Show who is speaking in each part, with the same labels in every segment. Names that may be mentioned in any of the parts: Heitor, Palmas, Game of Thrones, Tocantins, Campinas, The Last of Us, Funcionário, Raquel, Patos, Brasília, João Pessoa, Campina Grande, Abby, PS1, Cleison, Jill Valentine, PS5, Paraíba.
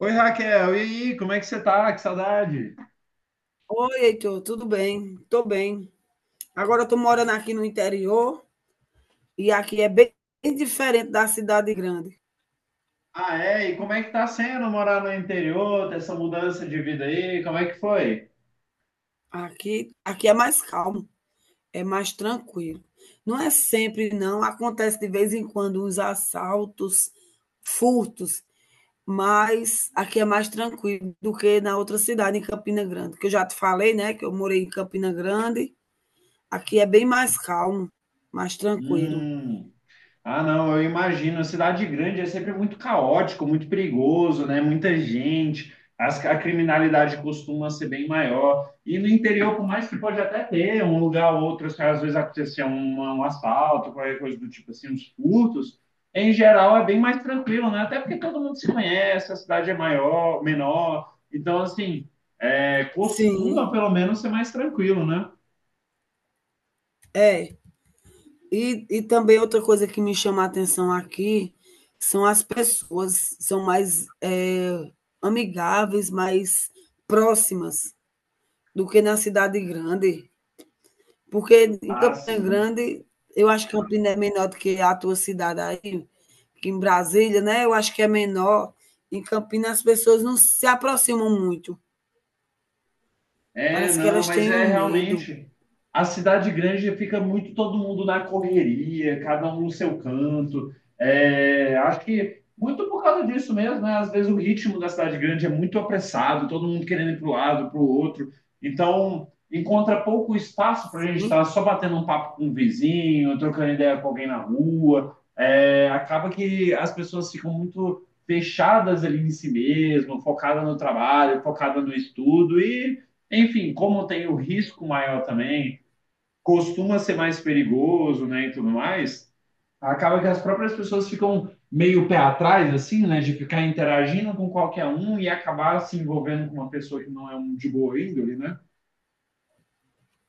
Speaker 1: Oi, Raquel, e aí, como é que você tá? Que saudade!
Speaker 2: Oi, Heitor, tudo bem? Tô bem. Agora eu tô morando aqui no interior e aqui é bem diferente da cidade grande.
Speaker 1: Ah, é? E como é que tá sendo morar no interior, ter essa mudança de vida aí? Como é que foi?
Speaker 2: Aqui é mais calmo, é mais tranquilo. Não é sempre, não. Acontece de vez em quando uns assaltos, furtos, mas aqui é mais tranquilo do que na outra cidade, em Campina Grande, que eu já te falei, né, que eu morei em Campina Grande. Aqui é bem mais calmo, mais tranquilo.
Speaker 1: Hum. Ah, não, eu imagino. Cidade grande é sempre muito caótico, muito perigoso, né? Muita gente. A criminalidade costuma ser bem maior. E no interior, por mais que pode até ter um lugar ou outro, se às vezes acontecer um assalto, qualquer coisa do tipo assim, uns furtos, em geral é bem mais tranquilo, né? Até porque todo mundo se conhece, a cidade é maior, menor. Então, assim, é, costuma
Speaker 2: Sim,
Speaker 1: pelo menos ser mais tranquilo, né?
Speaker 2: é. E também outra coisa que me chama a atenção aqui são as pessoas, são mais amigáveis, mais próximas do que na cidade grande. Porque em
Speaker 1: Ah,
Speaker 2: Campina
Speaker 1: sim.
Speaker 2: Grande, eu acho que Campina é menor do que a tua cidade aí, que em Brasília, né? Eu acho que é menor. Em Campinas as pessoas não se aproximam muito.
Speaker 1: É,
Speaker 2: Parece que
Speaker 1: não,
Speaker 2: elas
Speaker 1: mas
Speaker 2: têm
Speaker 1: é
Speaker 2: um medo.
Speaker 1: realmente. A cidade grande fica muito todo mundo na correria, cada um no seu canto. É, acho que muito por causa disso mesmo, né? Às vezes o ritmo da cidade grande é muito apressado, todo mundo querendo ir para o lado, para o outro. Então, encontra pouco espaço para a gente
Speaker 2: Sim.
Speaker 1: estar só batendo um papo com um vizinho, trocando ideia com alguém na rua. É, acaba que as pessoas ficam muito fechadas ali em si mesmo, focadas no trabalho, focadas no estudo e enfim, como tem o risco maior também, costuma ser mais perigoso, né, e tudo mais, acaba que as próprias pessoas ficam meio pé atrás, assim, né, de ficar interagindo com qualquer um e acabar se envolvendo com uma pessoa que não é um de boa índole, né?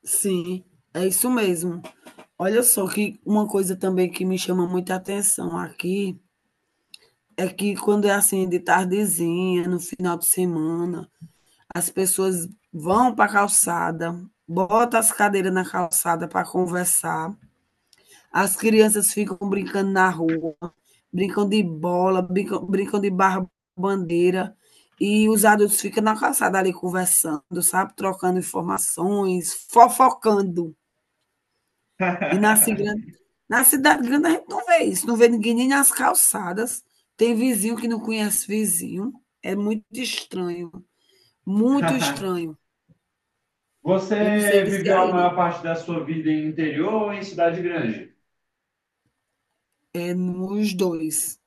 Speaker 2: Sim, é isso mesmo. Olha só que uma coisa também que me chama muita atenção aqui, é que quando é assim de tardezinha, no final de semana, as pessoas vão para a calçada, botam as cadeiras na calçada para conversar, as crianças ficam brincando na rua, brincam de bola, brincam de barra bandeira, e os adultos ficam na calçada ali conversando, sabe, trocando informações, fofocando. E na cigrande na cidade grande a gente não vê isso, não vê ninguém nem nas calçadas, tem vizinho que não conhece vizinho, é muito estranho, muito estranho. Eu não sei
Speaker 1: Você
Speaker 2: se é
Speaker 1: viveu a
Speaker 2: aí, né?
Speaker 1: maior parte da sua vida em interior ou em cidade grande?
Speaker 2: É nos dois.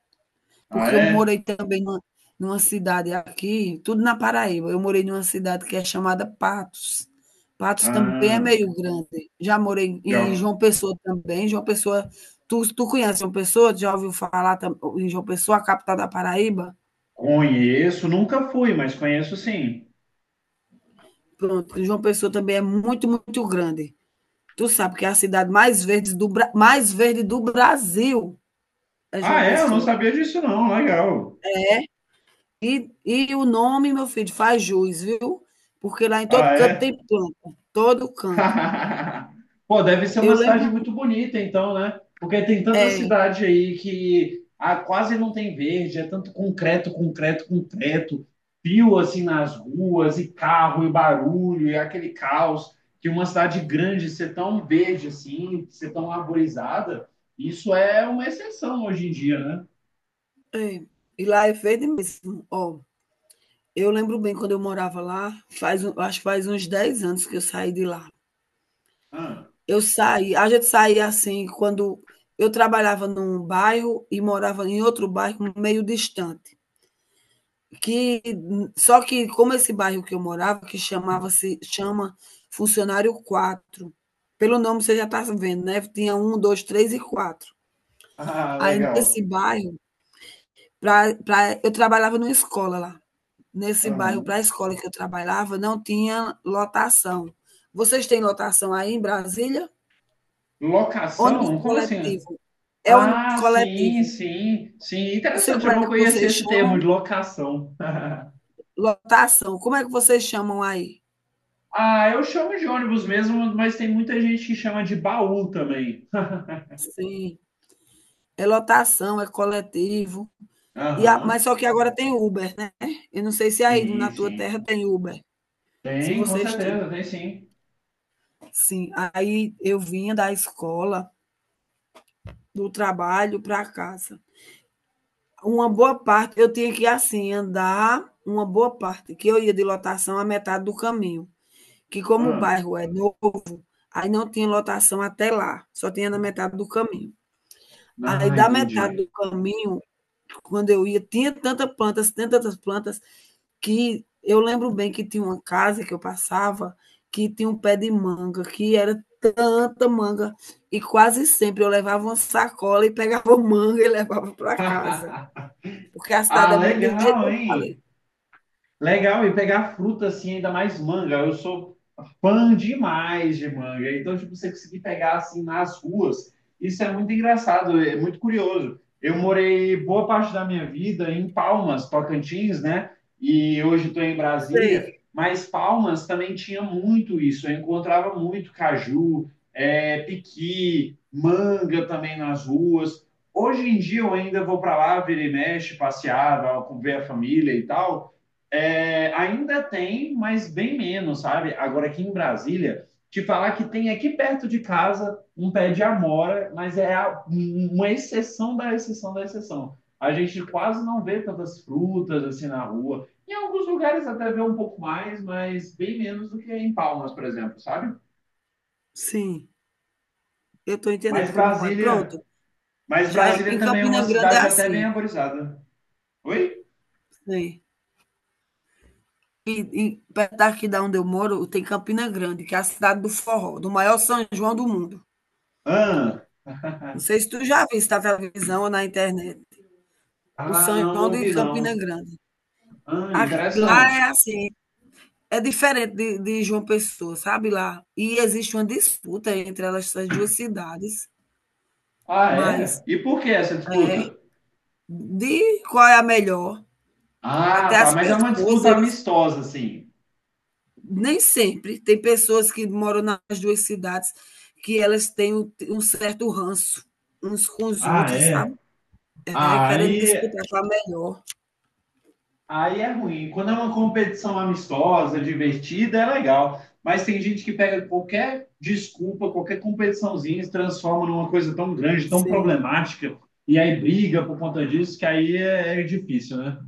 Speaker 1: Ah,
Speaker 2: Porque eu
Speaker 1: é?
Speaker 2: morei também numa cidade aqui, tudo na Paraíba. Eu morei numa cidade que é chamada Patos. Patos também é
Speaker 1: Ah,
Speaker 2: meio grande. Já morei
Speaker 1: já
Speaker 2: em
Speaker 1: ouvi.
Speaker 2: João Pessoa também. João Pessoa, tu conhece João Pessoa? Já ouviu falar em João Pessoa, a capital da Paraíba?
Speaker 1: Conheço, nunca fui, mas conheço sim.
Speaker 2: Pronto, João Pessoa também é muito, muito grande. Tu sabe que é a cidade mais verde do Brasil é João
Speaker 1: Ah, é? Eu não
Speaker 2: Pessoa.
Speaker 1: sabia disso não, legal.
Speaker 2: E o nome, meu filho, faz jus, viu? Porque lá em todo
Speaker 1: Ah,
Speaker 2: canto
Speaker 1: é?
Speaker 2: tem planta, todo canto.
Speaker 1: Pô, deve ser
Speaker 2: Eu
Speaker 1: uma cidade
Speaker 2: lembro,
Speaker 1: muito bonita, então, né? Porque tem tanta
Speaker 2: é,
Speaker 1: cidade aí que ah, quase não tem verde, é tanto concreto, concreto, concreto, fio assim nas ruas, e carro, e barulho, e aquele caos, que uma cidade grande ser tão verde assim, ser tão arborizada, isso é uma exceção hoje em dia, né?
Speaker 2: é, e lá é verde mesmo. Ó, eu lembro bem quando eu morava lá, faz, acho que faz uns 10 anos que eu saí de lá.
Speaker 1: Ah,
Speaker 2: Eu saí, a gente saía assim, quando eu trabalhava num bairro e morava em outro bairro meio distante. Que só que como esse bairro que eu morava, que chama Funcionário quatro. Pelo nome você já está vendo, né? Tinha um, dois, três e quatro.
Speaker 1: ah,
Speaker 2: Aí nesse
Speaker 1: legal.
Speaker 2: bairro, eu trabalhava numa escola lá. Nesse bairro,
Speaker 1: Aham.
Speaker 2: para a escola que eu trabalhava, não tinha lotação. Vocês têm lotação aí em Brasília? Ônibus
Speaker 1: Locação? Como assim?
Speaker 2: coletivo. É ônibus
Speaker 1: Ah, sim,
Speaker 2: coletivo.
Speaker 1: sim, sim.
Speaker 2: Não sei
Speaker 1: Interessante,
Speaker 2: como
Speaker 1: eu
Speaker 2: é que
Speaker 1: não conhecia
Speaker 2: vocês
Speaker 1: esse termo
Speaker 2: chamam
Speaker 1: de locação.
Speaker 2: lotação. Como é que vocês chamam aí?
Speaker 1: Ah, eu chamo de ônibus mesmo, mas tem muita gente que chama de baú também.
Speaker 2: Sim, é lotação, é coletivo. Mas
Speaker 1: Aham,
Speaker 2: só que agora tem Uber, né? Eu não sei se aí
Speaker 1: sim,
Speaker 2: na tua
Speaker 1: sim.
Speaker 2: terra tem Uber, se
Speaker 1: Tem, com
Speaker 2: vocês tinham.
Speaker 1: certeza, tem sim.
Speaker 2: Sim, aí eu vinha da escola, do trabalho para casa. Uma boa parte, eu tinha que assim andar uma boa parte, que eu ia de lotação a metade do caminho, que como o
Speaker 1: Ah,
Speaker 2: bairro é novo, aí não tinha lotação até lá, só tinha na metade do caminho. Aí
Speaker 1: ah,
Speaker 2: da metade
Speaker 1: entendi.
Speaker 2: do caminho, quando eu ia, tinha tantas plantas, que eu lembro bem que tinha uma casa que eu passava, que tinha um pé de manga, que era tanta manga, e quase sempre eu levava uma sacola e pegava manga e levava para casa, porque a cidade é
Speaker 1: Ah,
Speaker 2: muito do jeito
Speaker 1: legal,
Speaker 2: que eu falei.
Speaker 1: hein? Legal, e pegar fruta assim, ainda mais manga. Eu sou fã demais de manga. Então, tipo, você conseguir pegar assim nas ruas, isso é muito engraçado, é muito curioso. Eu morei boa parte da minha vida em Palmas, Tocantins, né? E hoje estou em Brasília,
Speaker 2: Sei,
Speaker 1: mas Palmas também tinha muito isso. Eu encontrava muito caju, é, piqui, manga também nas ruas. Hoje em dia eu ainda vou para lá, vira e mexe, passear, vou ver a família e tal. É, ainda tem, mas bem menos, sabe? Agora aqui em Brasília, te falar que tem aqui perto de casa um pé de amora, mas é uma exceção da exceção da exceção. A gente quase não vê tantas frutas assim na rua. Em alguns lugares até vê um pouco mais, mas bem menos do que em Palmas, por exemplo, sabe?
Speaker 2: sim, eu estou
Speaker 1: Mas
Speaker 2: entendendo como é.
Speaker 1: Brasília,
Speaker 2: Pronto,
Speaker 1: mas
Speaker 2: já
Speaker 1: Brasília
Speaker 2: em
Speaker 1: também é
Speaker 2: Campina
Speaker 1: uma
Speaker 2: Grande é
Speaker 1: cidade até bem
Speaker 2: assim,
Speaker 1: arborizada. Oi?
Speaker 2: sei. E e perto daqui da onde eu moro, tem Campina Grande, que é a cidade do forró, do maior São João do mundo.
Speaker 1: Ah,
Speaker 2: Não sei se tu já viu viste na televisão ou na internet o
Speaker 1: ah,
Speaker 2: São
Speaker 1: não,
Speaker 2: João
Speaker 1: não
Speaker 2: de
Speaker 1: vi
Speaker 2: Campina
Speaker 1: não.
Speaker 2: Grande.
Speaker 1: Ah,
Speaker 2: A- Lá é
Speaker 1: interessante.
Speaker 2: assim, é diferente de João Pessoa, sabe lá? E existe uma disputa entre elas, essas duas cidades,
Speaker 1: Ah, é?
Speaker 2: mas
Speaker 1: E por que essa
Speaker 2: é
Speaker 1: disputa?
Speaker 2: de qual é a melhor.
Speaker 1: Ah,
Speaker 2: Até
Speaker 1: tá,
Speaker 2: as
Speaker 1: mas é uma
Speaker 2: pessoas,
Speaker 1: disputa
Speaker 2: eles
Speaker 1: amistosa, assim.
Speaker 2: nem sempre tem pessoas que moram nas duas cidades que elas têm um certo ranço uns com os
Speaker 1: Ah,
Speaker 2: outros,
Speaker 1: é?
Speaker 2: sabe? É,
Speaker 1: Ah,
Speaker 2: querendo
Speaker 1: aí,
Speaker 2: disputar qual é a melhor.
Speaker 1: aí é ruim. Quando é uma competição amistosa, divertida, é legal. Mas tem gente que pega qualquer desculpa, qualquer competiçãozinha, e se transforma numa coisa tão grande, tão
Speaker 2: Sim.
Speaker 1: problemática, e aí briga por conta disso, que aí é, é difícil, né?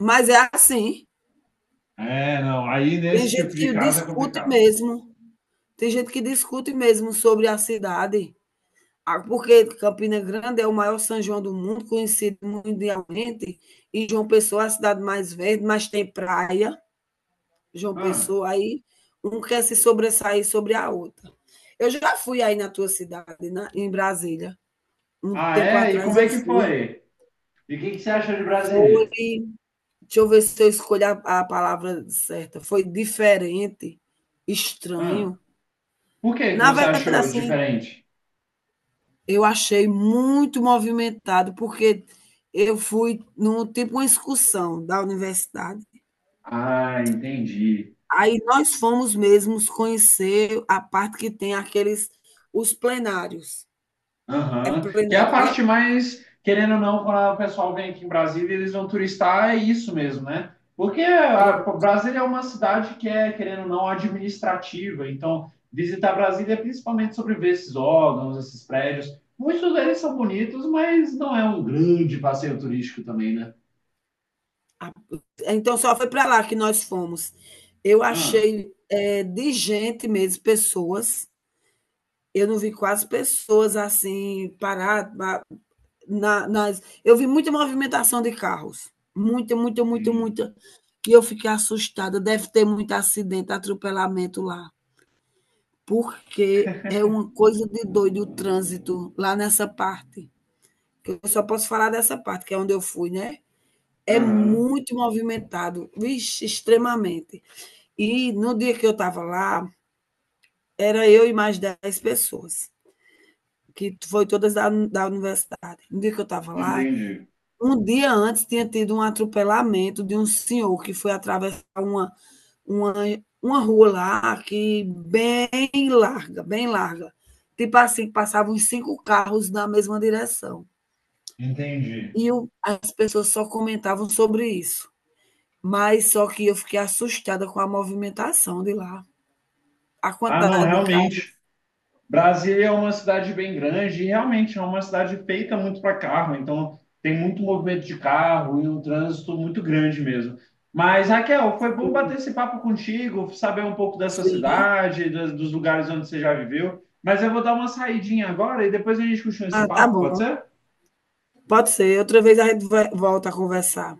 Speaker 2: Mas é assim.
Speaker 1: É, não. Aí
Speaker 2: Tem
Speaker 1: nesse tipo
Speaker 2: gente
Speaker 1: de
Speaker 2: que
Speaker 1: caso é
Speaker 2: discute
Speaker 1: complicado.
Speaker 2: mesmo. Tem gente que discute mesmo sobre a cidade. Ah, porque Campina Grande é o maior São João do mundo, conhecido mundialmente, e João Pessoa é a cidade mais verde, mas tem praia, João
Speaker 1: Ah,
Speaker 2: Pessoa aí, um quer se sobressair sobre a outra. Eu já fui aí na tua cidade, em Brasília, um
Speaker 1: ah,
Speaker 2: tempo
Speaker 1: é? E
Speaker 2: atrás
Speaker 1: como
Speaker 2: eu
Speaker 1: é que
Speaker 2: fui.
Speaker 1: foi? E o que que você acha de
Speaker 2: Foi,
Speaker 1: Brasília?
Speaker 2: deixa eu ver se eu escolho a palavra certa, foi diferente,
Speaker 1: Ah.
Speaker 2: estranho.
Speaker 1: Por que que
Speaker 2: Na
Speaker 1: você
Speaker 2: verdade,
Speaker 1: achou
Speaker 2: assim,
Speaker 1: diferente?
Speaker 2: eu achei muito movimentado, porque eu fui num tipo uma excursão da universidade.
Speaker 1: Ah, entendi.
Speaker 2: Aí nós fomos mesmos conhecer a parte que tem aqueles os plenários. É
Speaker 1: Aham. Que é a
Speaker 2: plenário, né?
Speaker 1: parte mais, querendo ou não, quando o pessoal vem aqui em Brasília, eles vão turistar, é isso mesmo, né? Porque a,
Speaker 2: Pronto.
Speaker 1: pô, Brasília é uma cidade que é, querendo ou não, administrativa. Então, visitar Brasília é principalmente sobre ver esses órgãos, esses prédios. Muitos deles são bonitos, mas não é um grande passeio turístico também, né?
Speaker 2: Então só foi para lá que nós fomos. Eu
Speaker 1: Ah,
Speaker 2: achei é, de gente mesmo, pessoas. Eu não vi quase pessoas assim paradas, na, nas. Eu vi muita movimentação de carros. Muita, muita, muita,
Speaker 1: sim.
Speaker 2: muita. E eu fiquei assustada. Deve ter muito acidente, atropelamento lá. Porque é uma coisa de doido o trânsito lá nessa parte. Eu só posso falar dessa parte, que é onde eu fui, né? É
Speaker 1: Aham.
Speaker 2: muito movimentado, vixe, extremamente. E no dia que eu estava lá, era eu e mais 10 pessoas, que foi todas da universidade. No dia que eu estava lá,
Speaker 1: Entendi.
Speaker 2: um dia antes tinha tido um atropelamento de um senhor que foi atravessar uma, uma rua lá, que bem larga, bem larga. Tipo assim, passavam uns cinco carros na mesma direção.
Speaker 1: Entendi.
Speaker 2: E eu, as pessoas só comentavam sobre isso. Mas só que eu fiquei assustada com a movimentação de lá. A
Speaker 1: Ah, não,
Speaker 2: quantidade de
Speaker 1: realmente.
Speaker 2: carros.
Speaker 1: Brasília é uma cidade bem grande e realmente é uma cidade feita muito para carro, então tem muito movimento de carro e um trânsito muito grande mesmo. Mas, Raquel, foi bom bater esse papo contigo, saber um pouco da sua
Speaker 2: Sim.
Speaker 1: cidade, dos dos lugares onde você já viveu. Mas eu vou dar uma saidinha agora e depois a gente continua esse
Speaker 2: Ah, tá
Speaker 1: papo, pode
Speaker 2: bom.
Speaker 1: ser?
Speaker 2: Pode ser. Outra vez volta a conversar.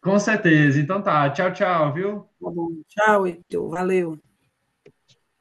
Speaker 1: Com certeza. Então tá. Tchau, tchau, viu?
Speaker 2: Tá bom. Tchau, Heitor. Valeu.